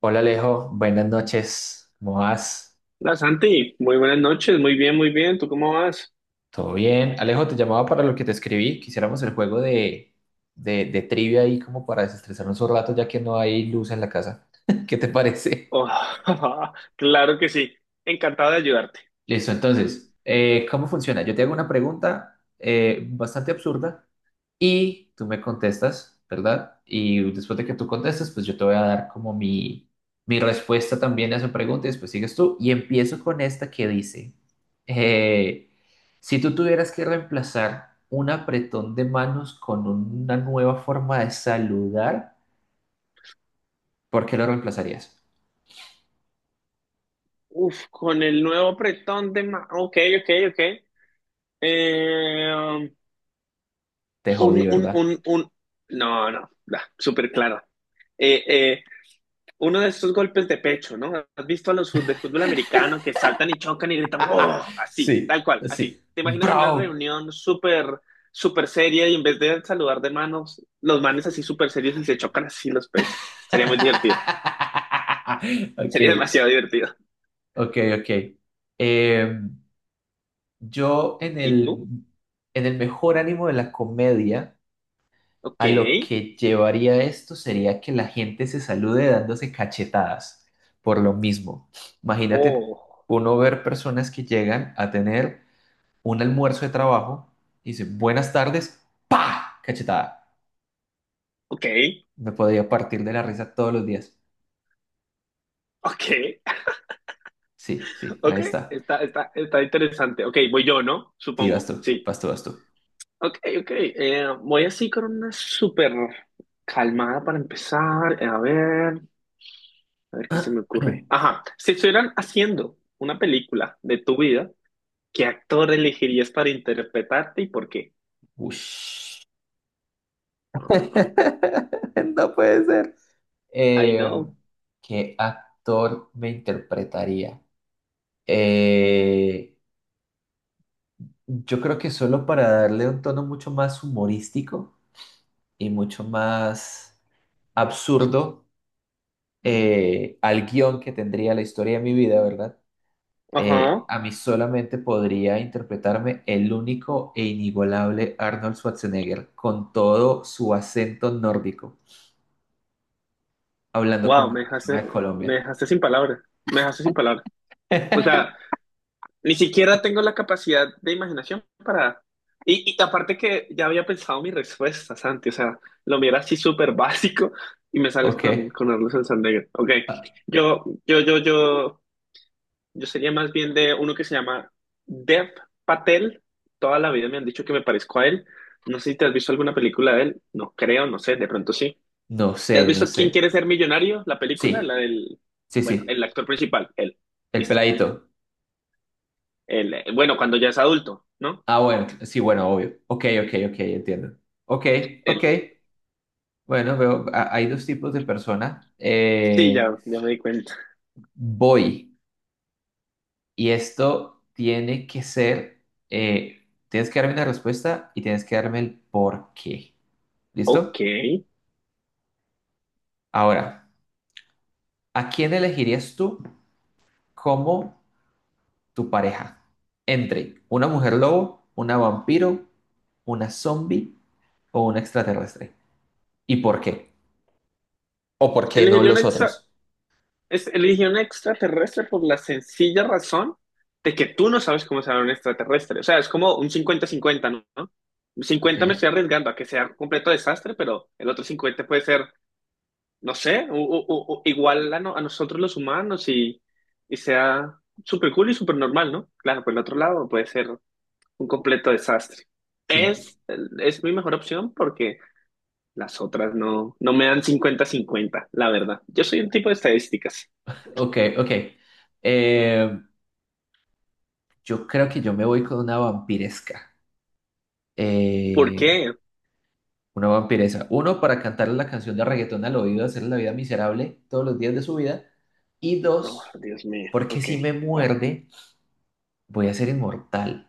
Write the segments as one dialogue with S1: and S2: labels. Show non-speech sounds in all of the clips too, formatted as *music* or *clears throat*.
S1: Hola Alejo, buenas noches. ¿Cómo vas?
S2: Hola Santi, muy buenas noches, muy bien, ¿tú cómo vas?
S1: ¿Todo bien? Alejo, te llamaba para lo que te escribí. Quisiéramos el juego de trivia ahí como para desestresarnos un rato ya que no hay luz en la casa. *laughs* ¿Qué te parece?
S2: Oh, *laughs* claro que sí, encantado de ayudarte.
S1: Listo, entonces, ¿cómo funciona? Yo te hago una pregunta bastante absurda y tú me contestas, ¿verdad? Y después de que tú contestes, pues yo te voy a dar como mi respuesta también a esa pregunta y después sigues tú. Y empiezo con esta que dice, eh, si tú tuvieras que reemplazar un apretón de manos con una nueva forma de saludar, ¿por qué lo reemplazarías?
S2: Uf, con el nuevo apretón de... Ok, ok, ok. Eh, um,
S1: Te
S2: un,
S1: jodí,
S2: un,
S1: ¿verdad?
S2: un, un... No, no, da, súper claro. Eh, eh, uno de esos golpes de pecho, ¿no? ¿Has visto a los de fútbol americano que saltan y chocan y gritan,
S1: *laughs*
S2: wow, así,
S1: Sí,
S2: tal cual, así?
S1: sí.
S2: ¿Te imaginas en una
S1: Bro.
S2: reunión súper, súper seria y en vez de saludar de manos, los manes así súper serios y se chocan así los pechos? Sería muy divertido,
S1: *laughs* Ok,
S2: sería demasiado divertido.
S1: ok, ok. Em, Yo en
S2: ¿Y tú?
S1: en el mejor ánimo de la comedia,
S2: Ok,
S1: a lo que llevaría esto sería que la gente se salude dándose cachetadas por lo mismo. Imagínate
S2: oh,
S1: uno ver personas que llegan a tener un almuerzo de trabajo y dicen buenas tardes, ¡pa! Cachetada.
S2: ok,
S1: Me podría partir de la risa todos los días.
S2: ok,
S1: Sí, sí,
S2: *laughs*
S1: ahí
S2: ok,
S1: está.
S2: está, está, está interesante. Ok, voy yo, ¿no?
S1: Sí, vas
S2: Supongo,
S1: tú,
S2: sí.
S1: vas tú, vas tú.
S2: Ok, ok. Voy así con una súper calmada para empezar. A ver qué se me ocurre.
S1: *clears throat*
S2: Ajá, si estuvieran haciendo una película de tu vida, ¿qué actor elegirías para interpretarte y por qué?
S1: Ush.
S2: Ajá,
S1: *laughs* No puede ser.
S2: I
S1: Eh,
S2: know.
S1: ¿Qué actor me interpretaría? Eh, yo creo que solo para darle un tono mucho más humorístico y mucho más absurdo al guión que tendría la historia de mi vida, ¿verdad?
S2: Ajá.
S1: A mí solamente podría interpretarme el único e inigualable Arnold Schwarzenegger con todo su acento nórdico, hablando como
S2: Wow,
S1: una persona de
S2: me
S1: Colombia.
S2: dejaste sin palabras. Me dejaste sin palabras. O sea,
S1: *laughs*
S2: ni siquiera tengo la capacidad de imaginación para... Y, y aparte que ya había pensado mi respuesta, Santi, o sea, lo mío así súper básico y me sales
S1: Ok.
S2: con Ernesto Santander. Ok,
S1: Ah,
S2: yo, yo, yo, yo, yo sería más bien de uno que se llama Dev Patel. Toda la vida me han dicho que me parezco a él. No sé si te has visto alguna película de él, no creo, no sé, de pronto sí.
S1: no sé,
S2: ¿Te has
S1: no
S2: visto
S1: sé.
S2: Quién quiere ser millonario? La película, la
S1: Sí,
S2: del,
S1: sí,
S2: bueno,
S1: sí.
S2: el actor principal, él,
S1: El
S2: listo.
S1: peladito.
S2: Él, bueno, cuando ya es adulto, ¿no?
S1: Ah, bueno, sí, bueno, obvio. Ok, ok, ok, entiendo. Ok, ok.
S2: Él.
S1: Bueno, veo, hay dos tipos de personas.
S2: Sí, ya, ya me di cuenta.
S1: Voy. Y esto tiene que ser, tienes que darme una respuesta y tienes que darme el por qué. ¿Listo?
S2: Ok.
S1: Ahora, ¿a quién elegirías tú como tu pareja? Entre una mujer lobo, una vampiro, una zombie o un extraterrestre. ¿Y por qué? ¿O por qué no
S2: Elegiría un
S1: los
S2: extra,
S1: otros?
S2: es- eligió un extraterrestre por la sencilla razón de que tú no sabes cómo será un extraterrestre. O sea, es como un cincuenta cincuenta, ¿no? ¿No?
S1: Ok,
S2: 50, me estoy arriesgando a que sea un completo desastre, pero el otro 50 puede ser, no sé, igual a, a nosotros los humanos y sea súper cool y súper normal, ¿no? Claro, por el otro lado puede ser un completo desastre.
S1: sí,
S2: Es, es mi mejor opción porque las otras no, no me dan cincuenta cincuenta la verdad. Yo soy un tipo de estadísticas.
S1: ok, ok. Eh, yo creo que yo me voy con una vampiresca.
S2: ¿Por
S1: Eh,
S2: qué?
S1: una vampiresa. Uno, para cantarle la canción de reggaetón al oído, hacerle la vida miserable todos los días de su vida. Y
S2: Oh,
S1: dos,
S2: Dios mío.
S1: porque
S2: Ok.
S1: si me
S2: Bueno,
S1: muerde, voy a ser inmortal.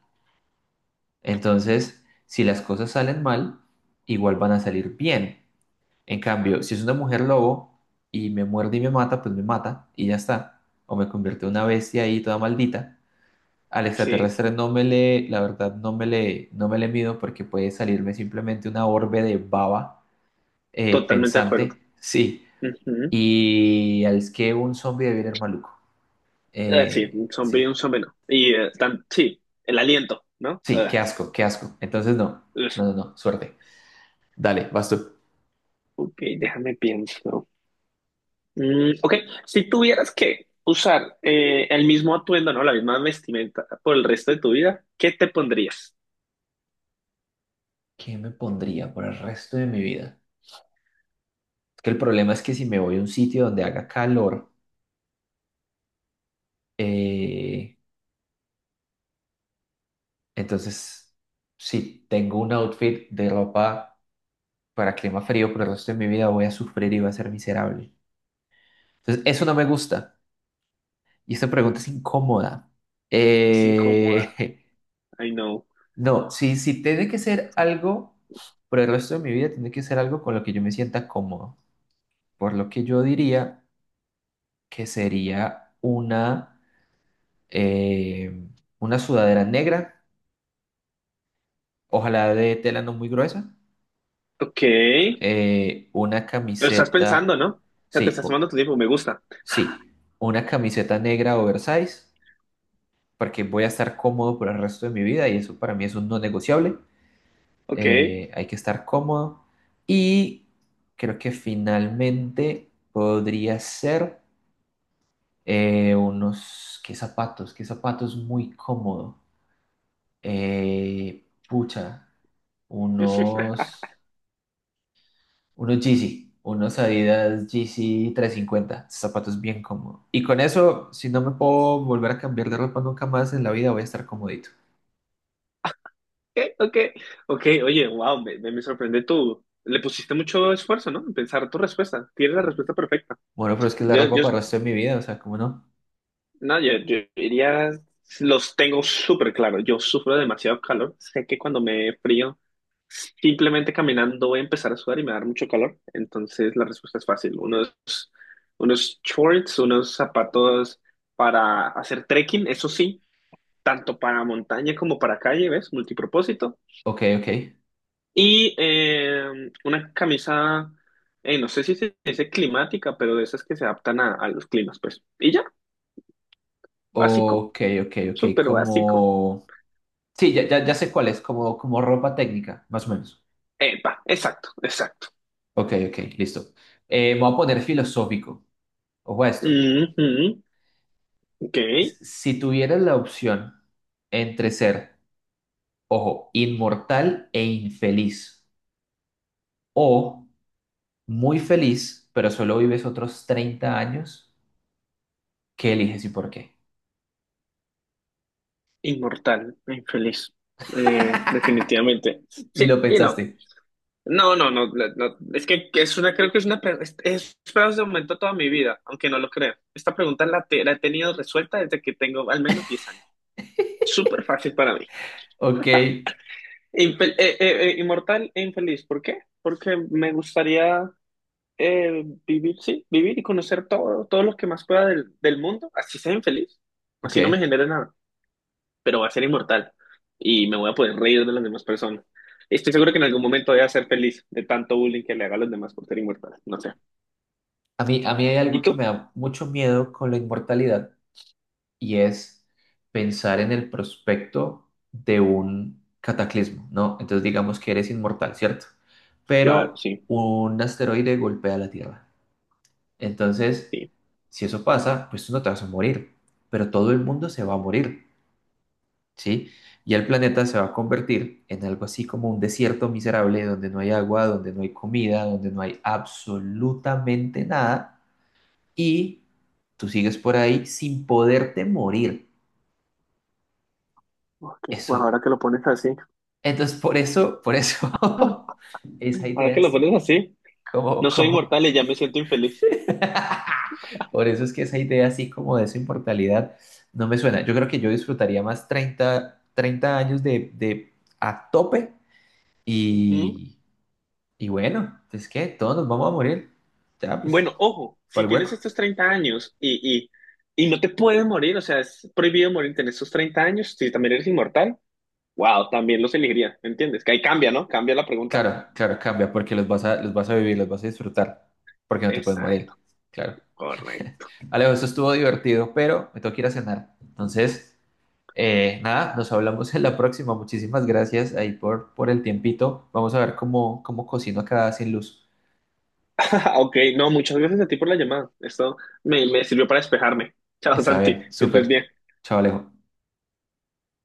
S1: Entonces, si las cosas salen mal, igual van a salir bien. En cambio, si es una mujer lobo y me muerde y me mata, pues me mata y ya está. O me convierte en una bestia ahí toda maldita. Al
S2: sí,
S1: extraterrestre no me le, la verdad, no me le, no me le mido porque puede salirme simplemente una orbe de baba
S2: totalmente de acuerdo.
S1: pensante, sí.
S2: Ujú.
S1: Y al que un zombie debe el maluco.
S2: Sí, un zombie y
S1: Sí,
S2: un zombie no. Y sí, el aliento, ¿no?
S1: sí,
S2: Ah,
S1: qué asco, qué asco. Entonces no,
S2: ugh.
S1: no, no, no, suerte. Dale, vas tú.
S2: Ok, déjame pienso. Mm, ok, si tuvieras que usar el mismo atuendo, ¿no? La misma vestimenta por el resto de tu vida, ¿qué te pondrías?
S1: ¿Qué me pondría por el resto de mi vida? Es que el problema es que si me voy a un sitio donde haga calor, Eh, entonces, sí, tengo un outfit de ropa para clima frío, pero el resto de mi vida voy a sufrir y voy a ser miserable. Entonces, eso no me gusta. Y esta pregunta es incómoda.
S2: Es incómoda,
S1: Eh,
S2: I know.
S1: *laughs* no, si, si tiene que ser algo, por el resto de mi vida, tiene que ser algo con lo que yo me sienta cómodo. Por lo que yo diría que sería eh, una sudadera negra, ojalá de tela no muy gruesa
S2: Ok,
S1: una
S2: lo estás pensando,
S1: camiseta,
S2: ¿no? O sea, te
S1: sí,
S2: estás tomando tu tiempo, me gusta.
S1: sí, una camiseta negra oversize, porque voy a estar cómodo por el resto de mi vida y eso para mí es un no negociable.
S2: Ok.
S1: Hay que estar cómodo. Y creo que finalmente podría ser unos, ¿qué zapatos? ¿Qué zapatos muy cómodo? Pucha,
S2: *laughs*
S1: unos. Unos Yeezy, unos Adidas Yeezy 350 zapatos bien cómodos. Y con eso, si no me puedo volver a cambiar de ropa nunca más en la vida, voy a estar comodito.
S2: Ok, ok. Ok, oye, wow, me sorprende tú. Le pusiste mucho esfuerzo, ¿no? En pensar tu respuesta. Tienes la respuesta perfecta.
S1: Bueno, pero es que es la
S2: Yo,
S1: ropa
S2: yo,
S1: para el resto de mi vida, o sea, ¿cómo no?
S2: no, yo diría, los tengo súper claro. Yo sufro demasiado calor. Sé que cuando me frío, simplemente caminando voy a empezar a sudar y me va a dar mucho calor. Entonces la respuesta es fácil. Unos shorts, unos zapatos para hacer trekking, eso sí tanto para montaña como para calle, ¿ves? Multipropósito.
S1: Ok, ok.
S2: Y una camisa, no sé si se dice climática, pero de esas que se adaptan a los climas, pues. Y ya, básico,
S1: Ok, ok, ok.
S2: súper básico.
S1: Como... Sí, ya, ya, ya sé cuál es, como, como ropa técnica, más o menos.
S2: Epa, exacto, exacto.
S1: Ok, ok, listo. Me voy a poner filosófico. Ojo a esto.
S2: Ujú, ok,
S1: Si tuvieras la opción entre ser, ojo, inmortal e infeliz, o muy feliz, pero solo vives otros 30 años, ¿qué eliges y por qué?
S2: inmortal, infeliz, definitivamente.
S1: Ni
S2: Sí,
S1: lo
S2: y no.
S1: pensaste.
S2: No, no, no, es que es una, creo que es una, pre- es fraude de momento toda mi vida, aunque no lo crea. Esta pregunta la, te- la he tenido resuelta desde que tengo al menos 10 años.
S1: *laughs*
S2: Súper fácil para mí.
S1: Ok,
S2: Inmortal e infeliz, ¿por qué? Porque me gustaría vivir, sí, vivir y conocer todo, todos los que más pueda del, del mundo, así sea infeliz, así no me
S1: ok.
S2: genere nada, pero va a ser inmortal y me voy a poder reír de las demás personas. Estoy seguro que en algún momento voy a ser feliz de tanto bullying que le haga a los demás por ser inmortal, no sé.
S1: A mí hay algo
S2: ¿Y
S1: que me
S2: tú?
S1: da mucho miedo con la inmortalidad y es pensar en el prospecto de un cataclismo, ¿no? Entonces digamos que eres inmortal, ¿cierto?
S2: Claro,
S1: Pero
S2: sí,
S1: un asteroide golpea la Tierra. Entonces,
S2: sí.
S1: si eso pasa, pues tú no te vas a morir, pero todo el mundo se va a morir. ¿Sí? Y el planeta se va a convertir en algo así como un desierto miserable donde no hay agua, donde no hay comida, donde no hay absolutamente nada y tú sigues por ahí sin poderte morir.
S2: Ok, bueno,
S1: Eso,
S2: ahora que lo pones así.
S1: entonces por eso *laughs* esa
S2: Ahora
S1: idea
S2: que lo
S1: así
S2: pones así,
S1: como,
S2: no soy inmortal y ya me siento infeliz.
S1: *laughs* por eso es que esa idea así como de esa inmortalidad no me suena. Yo creo que yo disfrutaría más treinta años de a tope
S2: Ujú.
S1: y Y bueno, es que todos nos vamos a morir. Ya, pues,
S2: Bueno, ojo,
S1: para
S2: si
S1: el hueco.
S2: tienes estos 30 años y no te puedes morir, o sea, es prohibido morirte en estos 30 años, si también eres inmortal, wow, también los elegiría, ¿me entiendes? Que ahí cambia, ¿no? Cambia la pregunta.
S1: Claro, claro, cambia, porque los vas a vivir, los vas a disfrutar, porque no te puedes morir.
S2: Exacto,
S1: Claro.
S2: correcto. *laughs*
S1: Alejo, esto estuvo divertido, pero me tengo que ir a cenar. Entonces, nada, nos hablamos en la próxima. Muchísimas gracias ahí por el tiempito. Vamos a ver cómo cocino acá sin luz.
S2: Ok, no, muchas gracias a ti por la llamada. Esto me, me sirvió para despejarme. Chao,
S1: Está
S2: Santi,
S1: bien,
S2: que estés
S1: súper.
S2: bien.
S1: Chao, Alejo.